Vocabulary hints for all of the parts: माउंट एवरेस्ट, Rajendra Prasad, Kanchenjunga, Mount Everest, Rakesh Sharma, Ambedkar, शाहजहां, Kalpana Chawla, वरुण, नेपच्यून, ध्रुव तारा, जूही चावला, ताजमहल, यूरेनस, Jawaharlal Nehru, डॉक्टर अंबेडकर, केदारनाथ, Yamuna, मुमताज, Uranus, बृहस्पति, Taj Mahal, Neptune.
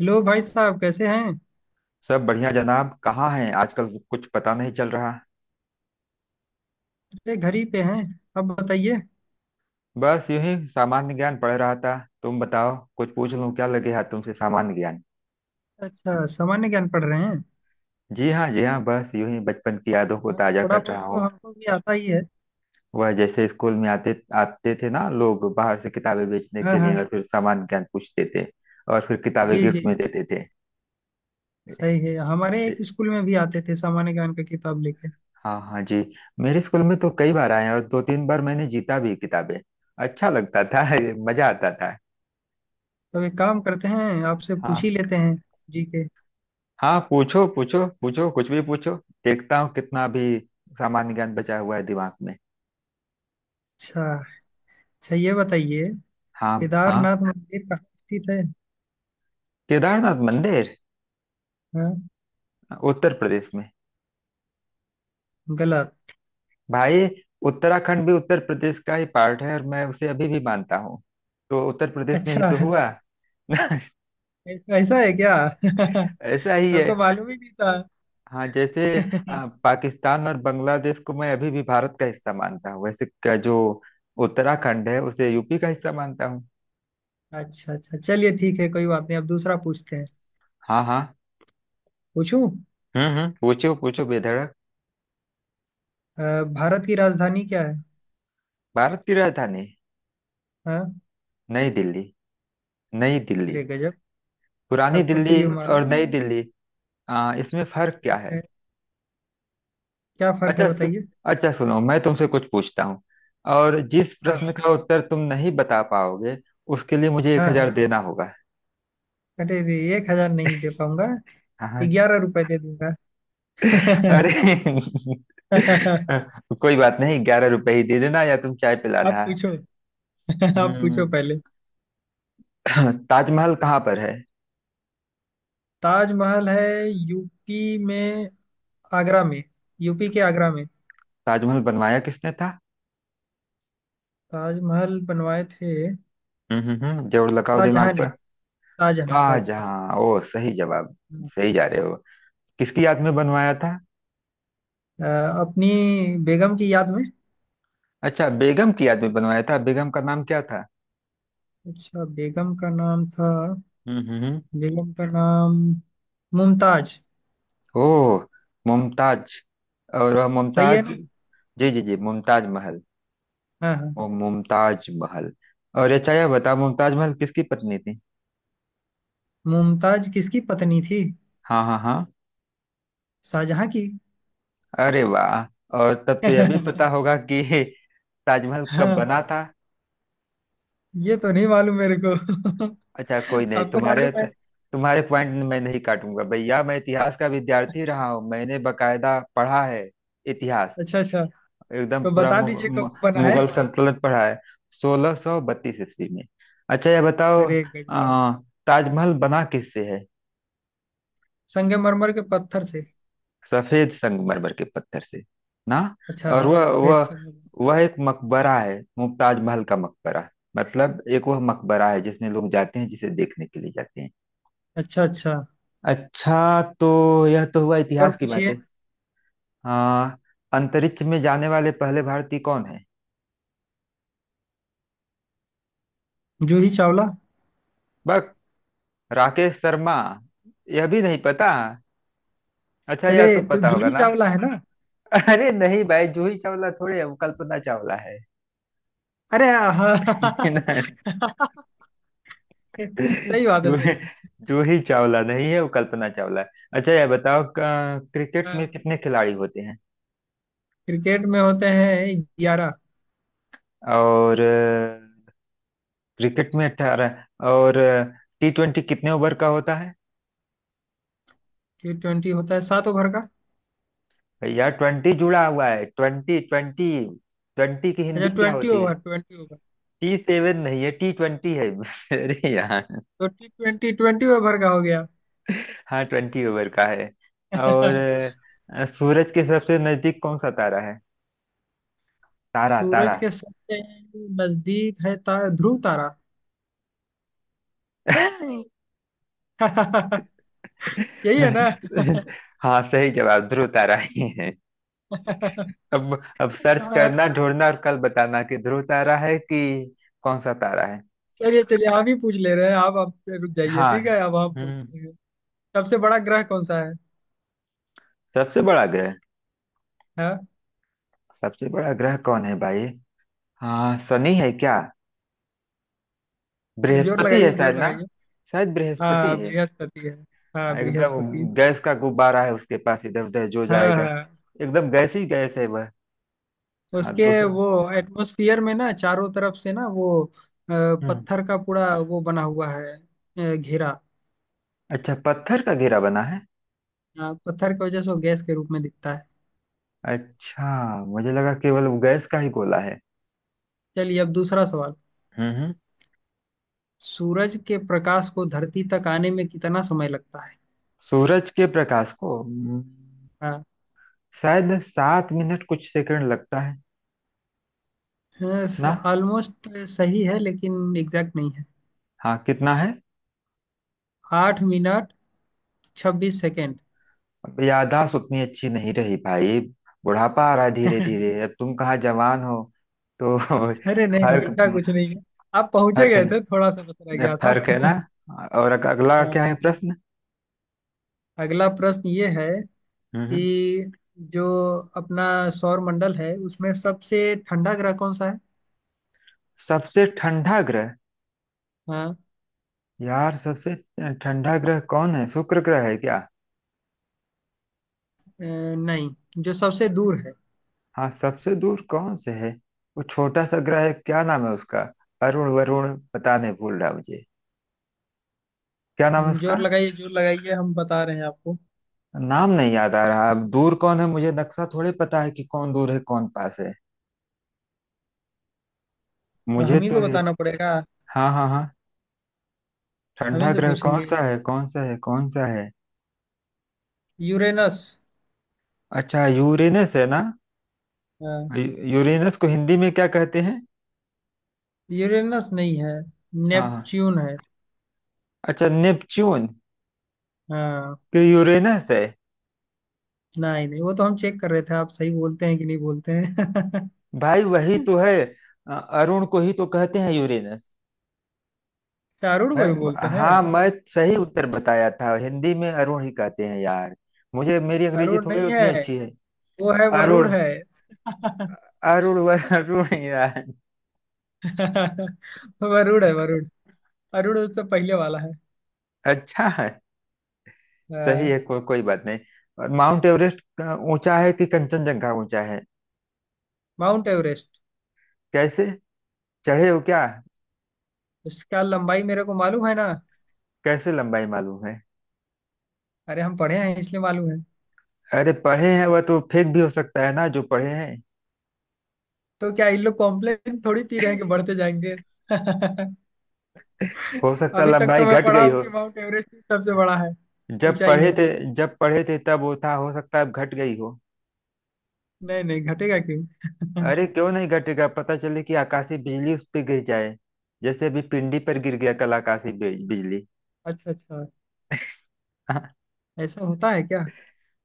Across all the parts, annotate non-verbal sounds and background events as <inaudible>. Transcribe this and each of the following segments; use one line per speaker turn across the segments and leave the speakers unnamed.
Hello भाई साहब कैसे हैं।
सब बढ़िया जनाब। कहाँ हैं आजकल? कुछ पता नहीं चल रहा।
अरे घर ही पे हैं। अब बताइए।
बस यूं ही सामान्य ज्ञान पढ़ रहा था। तुम बताओ कुछ पूछ लूं क्या, लगे हाथ तुमसे सामान्य ज्ञान।
अच्छा सामान्य ज्ञान पढ़ रहे हैं।
जी हाँ जी हाँ, बस यूं ही बचपन की यादों को
हाँ,
ताजा
थोड़ा
कर
बहुत
रहा
तो
हूँ।
हमको भी आता ही है।
वह जैसे स्कूल में आते आते थे ना लोग बाहर से किताबें बेचने
हाँ
के
हाँ।
लिए, और फिर सामान्य ज्ञान पूछते थे। और फिर
जी
किताबें
जी
गिफ्ट में
जी,
देते थे।
सही है। हमारे एक स्कूल में भी आते थे सामान्य ज्ञान का किताब लेके।
हाँ हाँ जी। मेरे स्कूल में तो कई बार आए हैं और दो तीन बार मैंने जीता भी किताबें। अच्छा लगता था। <laughs> मजा आता था।
तो एक काम करते हैं आपसे
हाँ
पूछ ही लेते हैं। जी के।
हाँ, पूछो पूछो पूछो कुछ भी पूछो। देखता हूँ कितना भी सामान्य ज्ञान बचा हुआ है दिमाग में।
अच्छा अच्छा, ये बताइए,
हाँ हाँ।
केदारनाथ मंदिर कहाँ स्थित है।
केदारनाथ मंदिर
हाँ।
उत्तर प्रदेश में।
गलत।
भाई, उत्तराखंड भी उत्तर प्रदेश का ही पार्ट है और मैं उसे अभी भी मानता हूँ, तो उत्तर प्रदेश में ही
अच्छा।
तो हुआ। <laughs>
ऐसा ऐसा है क्या। <laughs>
ऐसा ही है।
हमको मालूम ही नहीं था।
हाँ, जैसे पाकिस्तान और बांग्लादेश को मैं अभी भी भारत का हिस्सा मानता हूँ, वैसे का जो उत्तराखंड है उसे यूपी का
<laughs>
हिस्सा मानता हूँ।
अच्छा अच्छा, चलिए ठीक है, कोई बात नहीं। अब दूसरा पूछते हैं,
हाँ हाँ।
पूछूं।
पूछो पूछो बेधड़क।
भारत की राजधानी क्या है।
भारत की राजधानी
हाँ।
नई दिल्ली। नई दिल्ली,
अरे गजब,
पुरानी
आपको तो
दिल्ली
ये मालूम
और
ही
नई
है।
दिल्ली। इसमें फर्क क्या
ठीक
है?
है, क्या फर्क है
अच्छा सु,
बताइए।
अच्छा सुनो मैं तुमसे कुछ पूछता हूँ, और जिस
हाँ
प्रश्न
हाँ।
का उत्तर तुम नहीं बता पाओगे उसके लिए मुझे एक
हाँ हाँ।
हजार देना होगा।
अरे रे, 1,000 नहीं दे पाऊंगा।
हाँ हाँ।
11 रुपए दे दूंगा।
अरे
<laughs>
<laughs> कोई बात नहीं, 11 रुपए ही दे देना, या तुम चाय
आप
पिलाना है।
पूछो। <laughs> आप पूछो
हम्म
पहले।
<clears throat> ताजमहल कहाँ पर है?
ताजमहल है यूपी में, आगरा में, यूपी के आगरा में।
ताजमहल बनवाया किसने था?
ताजमहल बनवाए थे
जोर लगाओ दिमाग
शाहजहां ने।
पर।
शाहजहां शाहजहां।
शाहजहां। ओ, सही जवाब। सही जा रहे हो। किसकी याद में बनवाया था?
अ, अपनी बेगम की याद में।
अच्छा, बेगम की याद में बनवाया था। बेगम का नाम क्या था?
अच्छा बेगम का नाम था,
हम्म हम्म हम्म।
बेगम का नाम मुमताज।
ओह, मुमताज। और वह
सही है
मुमताज।
ना।
जी जी जी, मुमताज महल।
हाँ हाँ।
ओ मुमताज महल। और अच्छा, यह बता मुमताज महल किसकी पत्नी थी?
मुमताज किसकी पत्नी थी।
हाँ हाँ हाँ।
शाहजहां की।
अरे वाह, और तब तो यह भी पता
<laughs>
होगा कि <laughs> ताजमहल कब
हाँ,
बना था?
ये तो नहीं मालूम मेरे को।
अच्छा कोई
<laughs>
नहीं,
आपको मालूम
तुम्हारे
है।
तुम्हारे पॉइंट मैं नहीं काटूंगा भैया। मैं इतिहास का विद्यार्थी रहा हूँ, मैंने बकायदा पढ़ा है इतिहास।
अच्छा अच्छा।
एकदम
तो
पूरा
बता दीजिए कब बना है।
मुगल सल्तनत पढ़ा है। 1632 ईस्वी में। अच्छा ये बताओ,
अरे गजब।
आ, ताजमहल बना किससे है?
संगमरमर के पत्थर से।
सफेद संगमरमर के पत्थर से ना।
अच्छा
और
हाँ,
वह
सफेद
वह
संगमरमर।
वह एक मकबरा है, मुमताज महल का मकबरा। मतलब एक वह मकबरा है जिसमें लोग जाते हैं, जिसे देखने के लिए जाते हैं।
अच्छा अच्छा,
अच्छा, तो यह तो हुआ
और
इतिहास की
पूछिए।
बातें। हाँ। अंतरिक्ष में जाने वाले पहले भारतीय कौन है?
जूही चावला।
बस, राकेश शर्मा। यह भी नहीं पता। अच्छा
अरे,
यह तो
तो
पता होगा,
जूही
जूही ना।
चावला है ना।
अरे नहीं भाई, जूही चावला थोड़े है, वो कल्पना चावला है।
अरे हाँ।
<laughs>
<laughs>
ना।
सही बात है, सही
जूही,
बात
जूही चावला नहीं है, वो कल्पना चावला है। अच्छा यह बताओ,
है।
क्रिकेट में
हाँ,
कितने खिलाड़ी होते हैं?
क्रिकेट में होते हैं 11।
और क्रिकेट में 18। और टी ट्वेंटी कितने ओवर का होता है?
T20 होता है 7 ओवर का।
भैया, ट्वेंटी जुड़ा हुआ है, ट्वेंटी ट्वेंटी। ट्वेंटी की
अच्छा
हिंदी क्या
ट्वेंटी
होती है?
Over twenty over
T seven नहीं है, टी ट्वेंटी है। <laughs> अरे यार।
तो T20 20 ओवर का हो गया।
हाँ, ट्वेंटी ओवर का है। और
<laughs>
सूरज के सबसे नजदीक कौन सा तारा है? तारा,
सूरज
तारा।
के सबसे नजदीक है तारा, ध्रुव तारा। <laughs> यही है ना। <laughs>
<laughs> हाँ, सही जवाब, ध्रुव तारा ही है। अब सर्च
हाँ,
करना, ढूंढना, और कल बताना कि ध्रुव तारा है कि कौन सा तारा है।
चलिए चलिए आप ही पूछ ले रहे हैं। आप रुक जाइए,
हाँ।
ठीक है। अब हम
हम्म
पूछते हैं, सबसे बड़ा ग्रह कौन सा है।
सबसे बड़ा ग्रह।
हाँ,
सबसे बड़ा ग्रह कौन है भाई? हाँ, शनि है क्या?
जोर
बृहस्पति है
लगाइए जोर
शायद ना।
लगाइए।
शायद बृहस्पति
हाँ
है
बृहस्पति है। हाँ
एकदम।
बृहस्पति।
गैस का गुब्बारा है, उसके पास इधर उधर जो
हाँ
जाएगा।
हाँ।
एकदम गैस ही गैस है वह। हाँ,
उसके
दूसरा।
वो एटमॉस्फेयर में ना, चारों तरफ से ना, वो, अ,
हम्म
पत्थर का पूरा वो बना हुआ है, घेरा।
अच्छा, पत्थर का घेरा बना है।
पत्थर की वजह से वो गैस के रूप में दिखता है।
अच्छा। मुझे लगा केवल वो गैस का ही गोला है।
चलिए अब दूसरा सवाल।
हम्म हम्म।
सूरज के प्रकाश को धरती तक आने में कितना समय लगता है।
सूरज के प्रकाश को
हाँ।
शायद 7 मिनट कुछ सेकंड लगता है ना।
ऑलमोस्ट सही है लेकिन एग्जैक्ट नहीं है।
हाँ, कितना है?
8 मिनट 26 सेकेंड।
अब याददाश्त उतनी अच्छी नहीं रही भाई। बुढ़ापा आ रहा है धीरे
<laughs>
धीरे, अब तुम कहाँ जवान हो। तो
अरे
<laughs>
नहीं नहीं,
फर्क।
ऐसा कुछ नहीं है। आप पहुंचे
फर्क है।
गए थे, थोड़ा सा बस रह
ये
गया था।
फर्क है ना।
<laughs>
और अगला
अ,
क्या है प्रश्न?
अगला प्रश्न ये है,
हम्म
कि जो अपना सौर मंडल है उसमें सबसे ठंडा ग्रह कौन सा है।
सबसे ठंडा ग्रह।
हाँ।
यार, सबसे ठंडा ग्रह कौन है? शुक्र ग्रह है क्या?
अ, नहीं, जो सबसे दूर है।
हाँ, सबसे दूर कौन से है? वो छोटा सा ग्रह है, क्या नाम है उसका? अरुण, वरुण, पता नहीं, भूल रहा मुझे। क्या नाम है
जो
उसका?
लगाइए जो लगाइए, हम बता रहे हैं आपको।
नाम नहीं याद आ रहा। अब दूर कौन है मुझे नक्शा थोड़ी पता है कि कौन दूर है कौन पास है। मुझे
हम ही को
तो ये।
बताना पड़ेगा।
हाँ हाँ हाँ।
हम ही
ठंडा
से
ग्रह कौन
पूछेंगे।
सा है, कौन सा है, कौन सा है?
यूरेनस।
अच्छा, यूरेनस है ना?
हाँ।
यूरेनस को हिंदी में क्या कहते हैं?
यूरेनस नहीं है,
हाँ हाँ।
नेपच्यून है।
अच्छा, नेपच्यून
हाँ।
कि यूरेनस है?
नहीं नहीं, वो तो हम चेक कर रहे थे आप सही बोलते हैं कि नहीं बोलते हैं। <laughs>
भाई, वही तो है। अरुण को ही तो कहते हैं यूरेनस।
अच्छा, अरुण
मैं
को ही बोलते हैं।
हाँ, मैं सही उत्तर बताया था, हिंदी में अरुण ही कहते हैं यार। मुझे, मेरी अंग्रेजी
अरुण
थोड़ी
नहीं
उतनी
है,
अच्छी है।
वो है, वरुण
अरुण।
है।
अरुण व अरुण ही यार।
<laughs> वरुण है वरुण। अरुण वो तो पहले वाला है।
अच्छा है।
अ,
सही है, कोई बात नहीं। और माउंट एवरेस्ट ऊंचा है कि कंचनजंगा ऊंचा है?
माउंट एवरेस्ट,
कैसे, चढ़े हो क्या?
उसका लंबाई मेरे को मालूम है ना।
कैसे लंबाई मालूम है?
अरे हम पढ़े हैं इसलिए मालूम है।
अरे पढ़े हैं, वह तो फेक भी हो सकता है ना जो पढ़े हैं।
तो क्या इन लोग कॉम्प्लेन थोड़ी पी रहे हैं कि बढ़ते जाएंगे। <laughs>
हो सकता है
अभी तक तो
लंबाई
मैं
घट
पढ़ा
गई
हूँ
हो।
कि माउंट एवरेस्ट ही सबसे बड़ा है,
जब
ऊंचाई
पढ़े
है।
थे, जब पढ़े थे तब वो था, हो सकता है अब घट गई हो।
नहीं नहीं, घटेगा क्यों।
अरे
<laughs>
क्यों नहीं घटेगा, पता चले कि आकाशीय बिजली उस पर गिर जाए। जैसे अभी पिंडी पर गिर गया कल आकाशीय बिजली। <laughs>
अच्छा अच्छा।
हाँ।
ऐसा होता है क्या।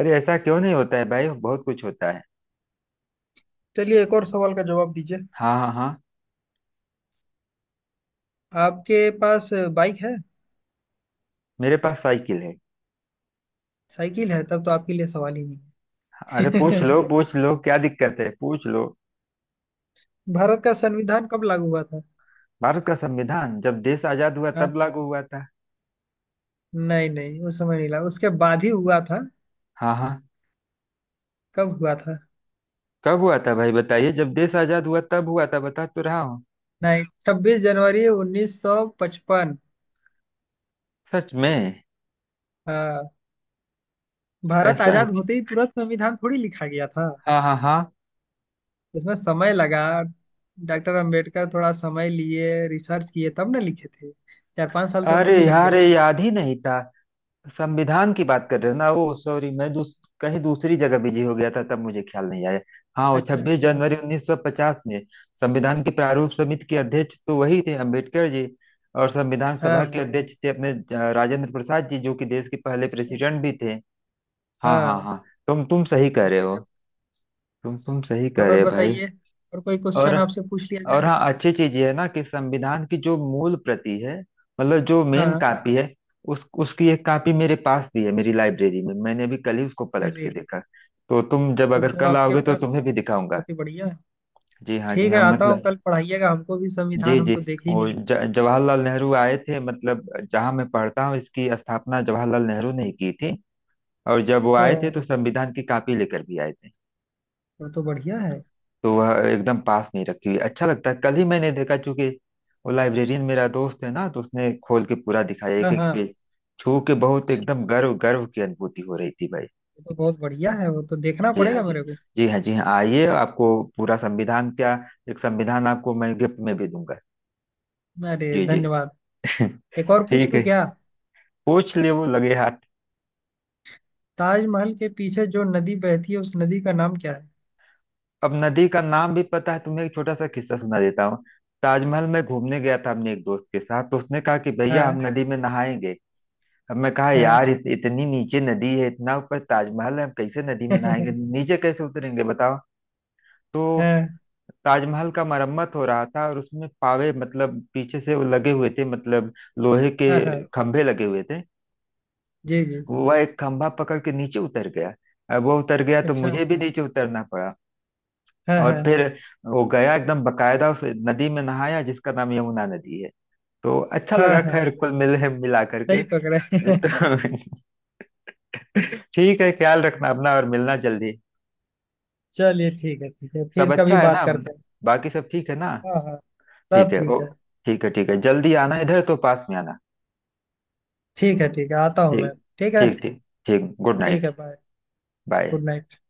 अरे ऐसा क्यों नहीं होता है भाई, बहुत कुछ होता है।
चलिए एक और सवाल का जवाब दीजिए।
हाँ हाँ हाँ।
आपके पास बाइक है।
मेरे पास साइकिल है।
साइकिल है, तब तो आपके लिए सवाल ही
अरे
नहीं
पूछ
है।
लो
<laughs>
पूछ लो, क्या दिक्कत है, पूछ लो।
भारत का संविधान कब लागू हुआ था।
भारत का संविधान जब देश आजाद हुआ
हाँ?
तब लागू हुआ था।
नहीं नहीं, उस समय नहीं लगा, उसके बाद ही हुआ था।
हाँ हाँ।
कब हुआ था।
कब हुआ था भाई बताइए, जब देश आजाद हुआ तब हुआ था, बता तो रहा हूँ।
नहीं, 26 जनवरी 1955।
सच में?
हाँ, भारत
ऐसा
आजाद
है।
होते ही तुरंत संविधान थोड़ी लिखा गया था।
हाँ हाँ हाँ।
इसमें समय लगा। डॉक्टर अंबेडकर थोड़ा समय लिए, रिसर्च किए तब ना लिखे थे, 4-5 साल तो उनको
अरे
भी लग गया
यार, ये
था।
याद ही नहीं था। संविधान की बात कर रहे हो ना। ओ सॉरी, मैं कहीं दूसरी जगह बिजी हो गया था तब मुझे ख्याल नहीं आया। हाँ, वो
अच्छा
छब्बीस
अच्छा।
जनवरी 1950 में। संविधान की प्रारूप समिति के अध्यक्ष तो वही थे, अम्बेडकर जी। और संविधान सभा के
हाँ
अध्यक्ष थे अपने राजेंद्र प्रसाद जी, जो कि देश के पहले
हाँ
प्रेसिडेंट भी थे। हाँ हाँ
हाँ,
हाँ, तुम सही कह रहे
गजब।
हो। तुम सही कह रहे
और
हो भाई।
बताइए, और कोई
और
क्वेश्चन आपसे पूछ लिया जाए।
हाँ, अच्छी चीज ये है ना कि संविधान की जो मूल प्रति है, मतलब जो मेन
हाँ।
कॉपी है, उस उसकी एक कॉपी मेरे पास भी है, मेरी लाइब्रेरी में। मैंने अभी कल ही उसको पलट
अरे,
के देखा। तो तुम जब
तब
अगर
तो
कल
आपके
आओगे तो
पास,
तुम्हें भी दिखाऊंगा।
बहुत ही बढ़िया।
जी हाँ जी
ठीक है
हाँ,
आता हूँ
मतलब,
कल, पढ़ाइएगा हमको भी
जी
संविधान, हम
जी।
तो देखे ही
वो
नहीं है।
जवाहरलाल नेहरू आए थे, मतलब जहाँ मैं पढ़ता हूँ इसकी स्थापना जवाहरलाल नेहरू ने ही की थी। और जब वो आए थे
तो
तो संविधान की कॉपी लेकर भी आए थे।
वो तो बढ़िया है।
तो वह एकदम पास में ही रखी हुई है। अच्छा लगता है। कल ही मैंने देखा, चूंकि वो लाइब्रेरियन मेरा दोस्त है ना, तो उसने खोल के पूरा दिखाया,
हाँ
एक एक
हाँ,
पेज छू के। बहुत
ये
एकदम गर्व गर्व की अनुभूति हो रही थी भाई।
तो बहुत बढ़िया है, वो तो देखना
जी हाँ
पड़ेगा
जी।
मेरे को।
जी हाँ जी हाँ, आइए आपको पूरा संविधान क्या, एक संविधान आपको मैं गिफ्ट में भी दूंगा।
अरे
जी जी।
धन्यवाद।
<laughs>
एक और पूछ
ठीक
लो
है,
क्या।
पूछ लिए वो लगे हाथ।
ताजमहल के पीछे जो नदी बहती है उस नदी का नाम क्या है।
अब नदी का नाम भी पता है तुम्हें? एक छोटा सा किस्सा सुना देता हूँ। ताजमहल में घूमने गया था अपने एक दोस्त के साथ, तो उसने कहा कि भैया
हाँ
हम नदी में नहाएंगे। अब मैं कहा
हाँ।
यार, इतनी नीचे नदी है, इतना ऊपर ताजमहल है, हम कैसे नदी में नहाएंगे,
<laughs>
नीचे कैसे उतरेंगे बताओ। तो
हाँ
ताजमहल का मरम्मत हो रहा था और उसमें पावे, मतलब पीछे से वो लगे हुए थे, मतलब लोहे के
हाँ हाँ,
खंभे लगे हुए थे।
जी जी।
वह एक खंभा पकड़ के नीचे उतर गया। अब वो उतर गया तो
अच्छा
मुझे भी नीचे उतरना पड़ा।
हाँ
और
हाँ
फिर वो गया एकदम बकायदा, उस नदी में नहाया जिसका नाम यमुना नदी है। तो अच्छा
हाँ
लगा, खैर
हाँ,
कुल मिले मिला करके।
सही पकड़े।
तो <laughs> ठीक है, ख्याल रखना अपना, और मिलना जल्दी।
<laughs> चलिए ठीक है ठीक है, फिर
सब
कभी
अच्छा है
बात
ना?
करते हैं।
बाकी सब ठीक है ना?
हाँ हाँ,
ठीक
सब
है, ओ
ठीक है।
ठीक है ठीक है, जल्दी आना, इधर तो पास में आना।
ठीक है ठीक है, आता हूँ मैं।
ठीक
ठीक है।
ठीक। ठीक ठीक, गुड
ठीक
नाइट।
है बाय।
बाय।
Good night.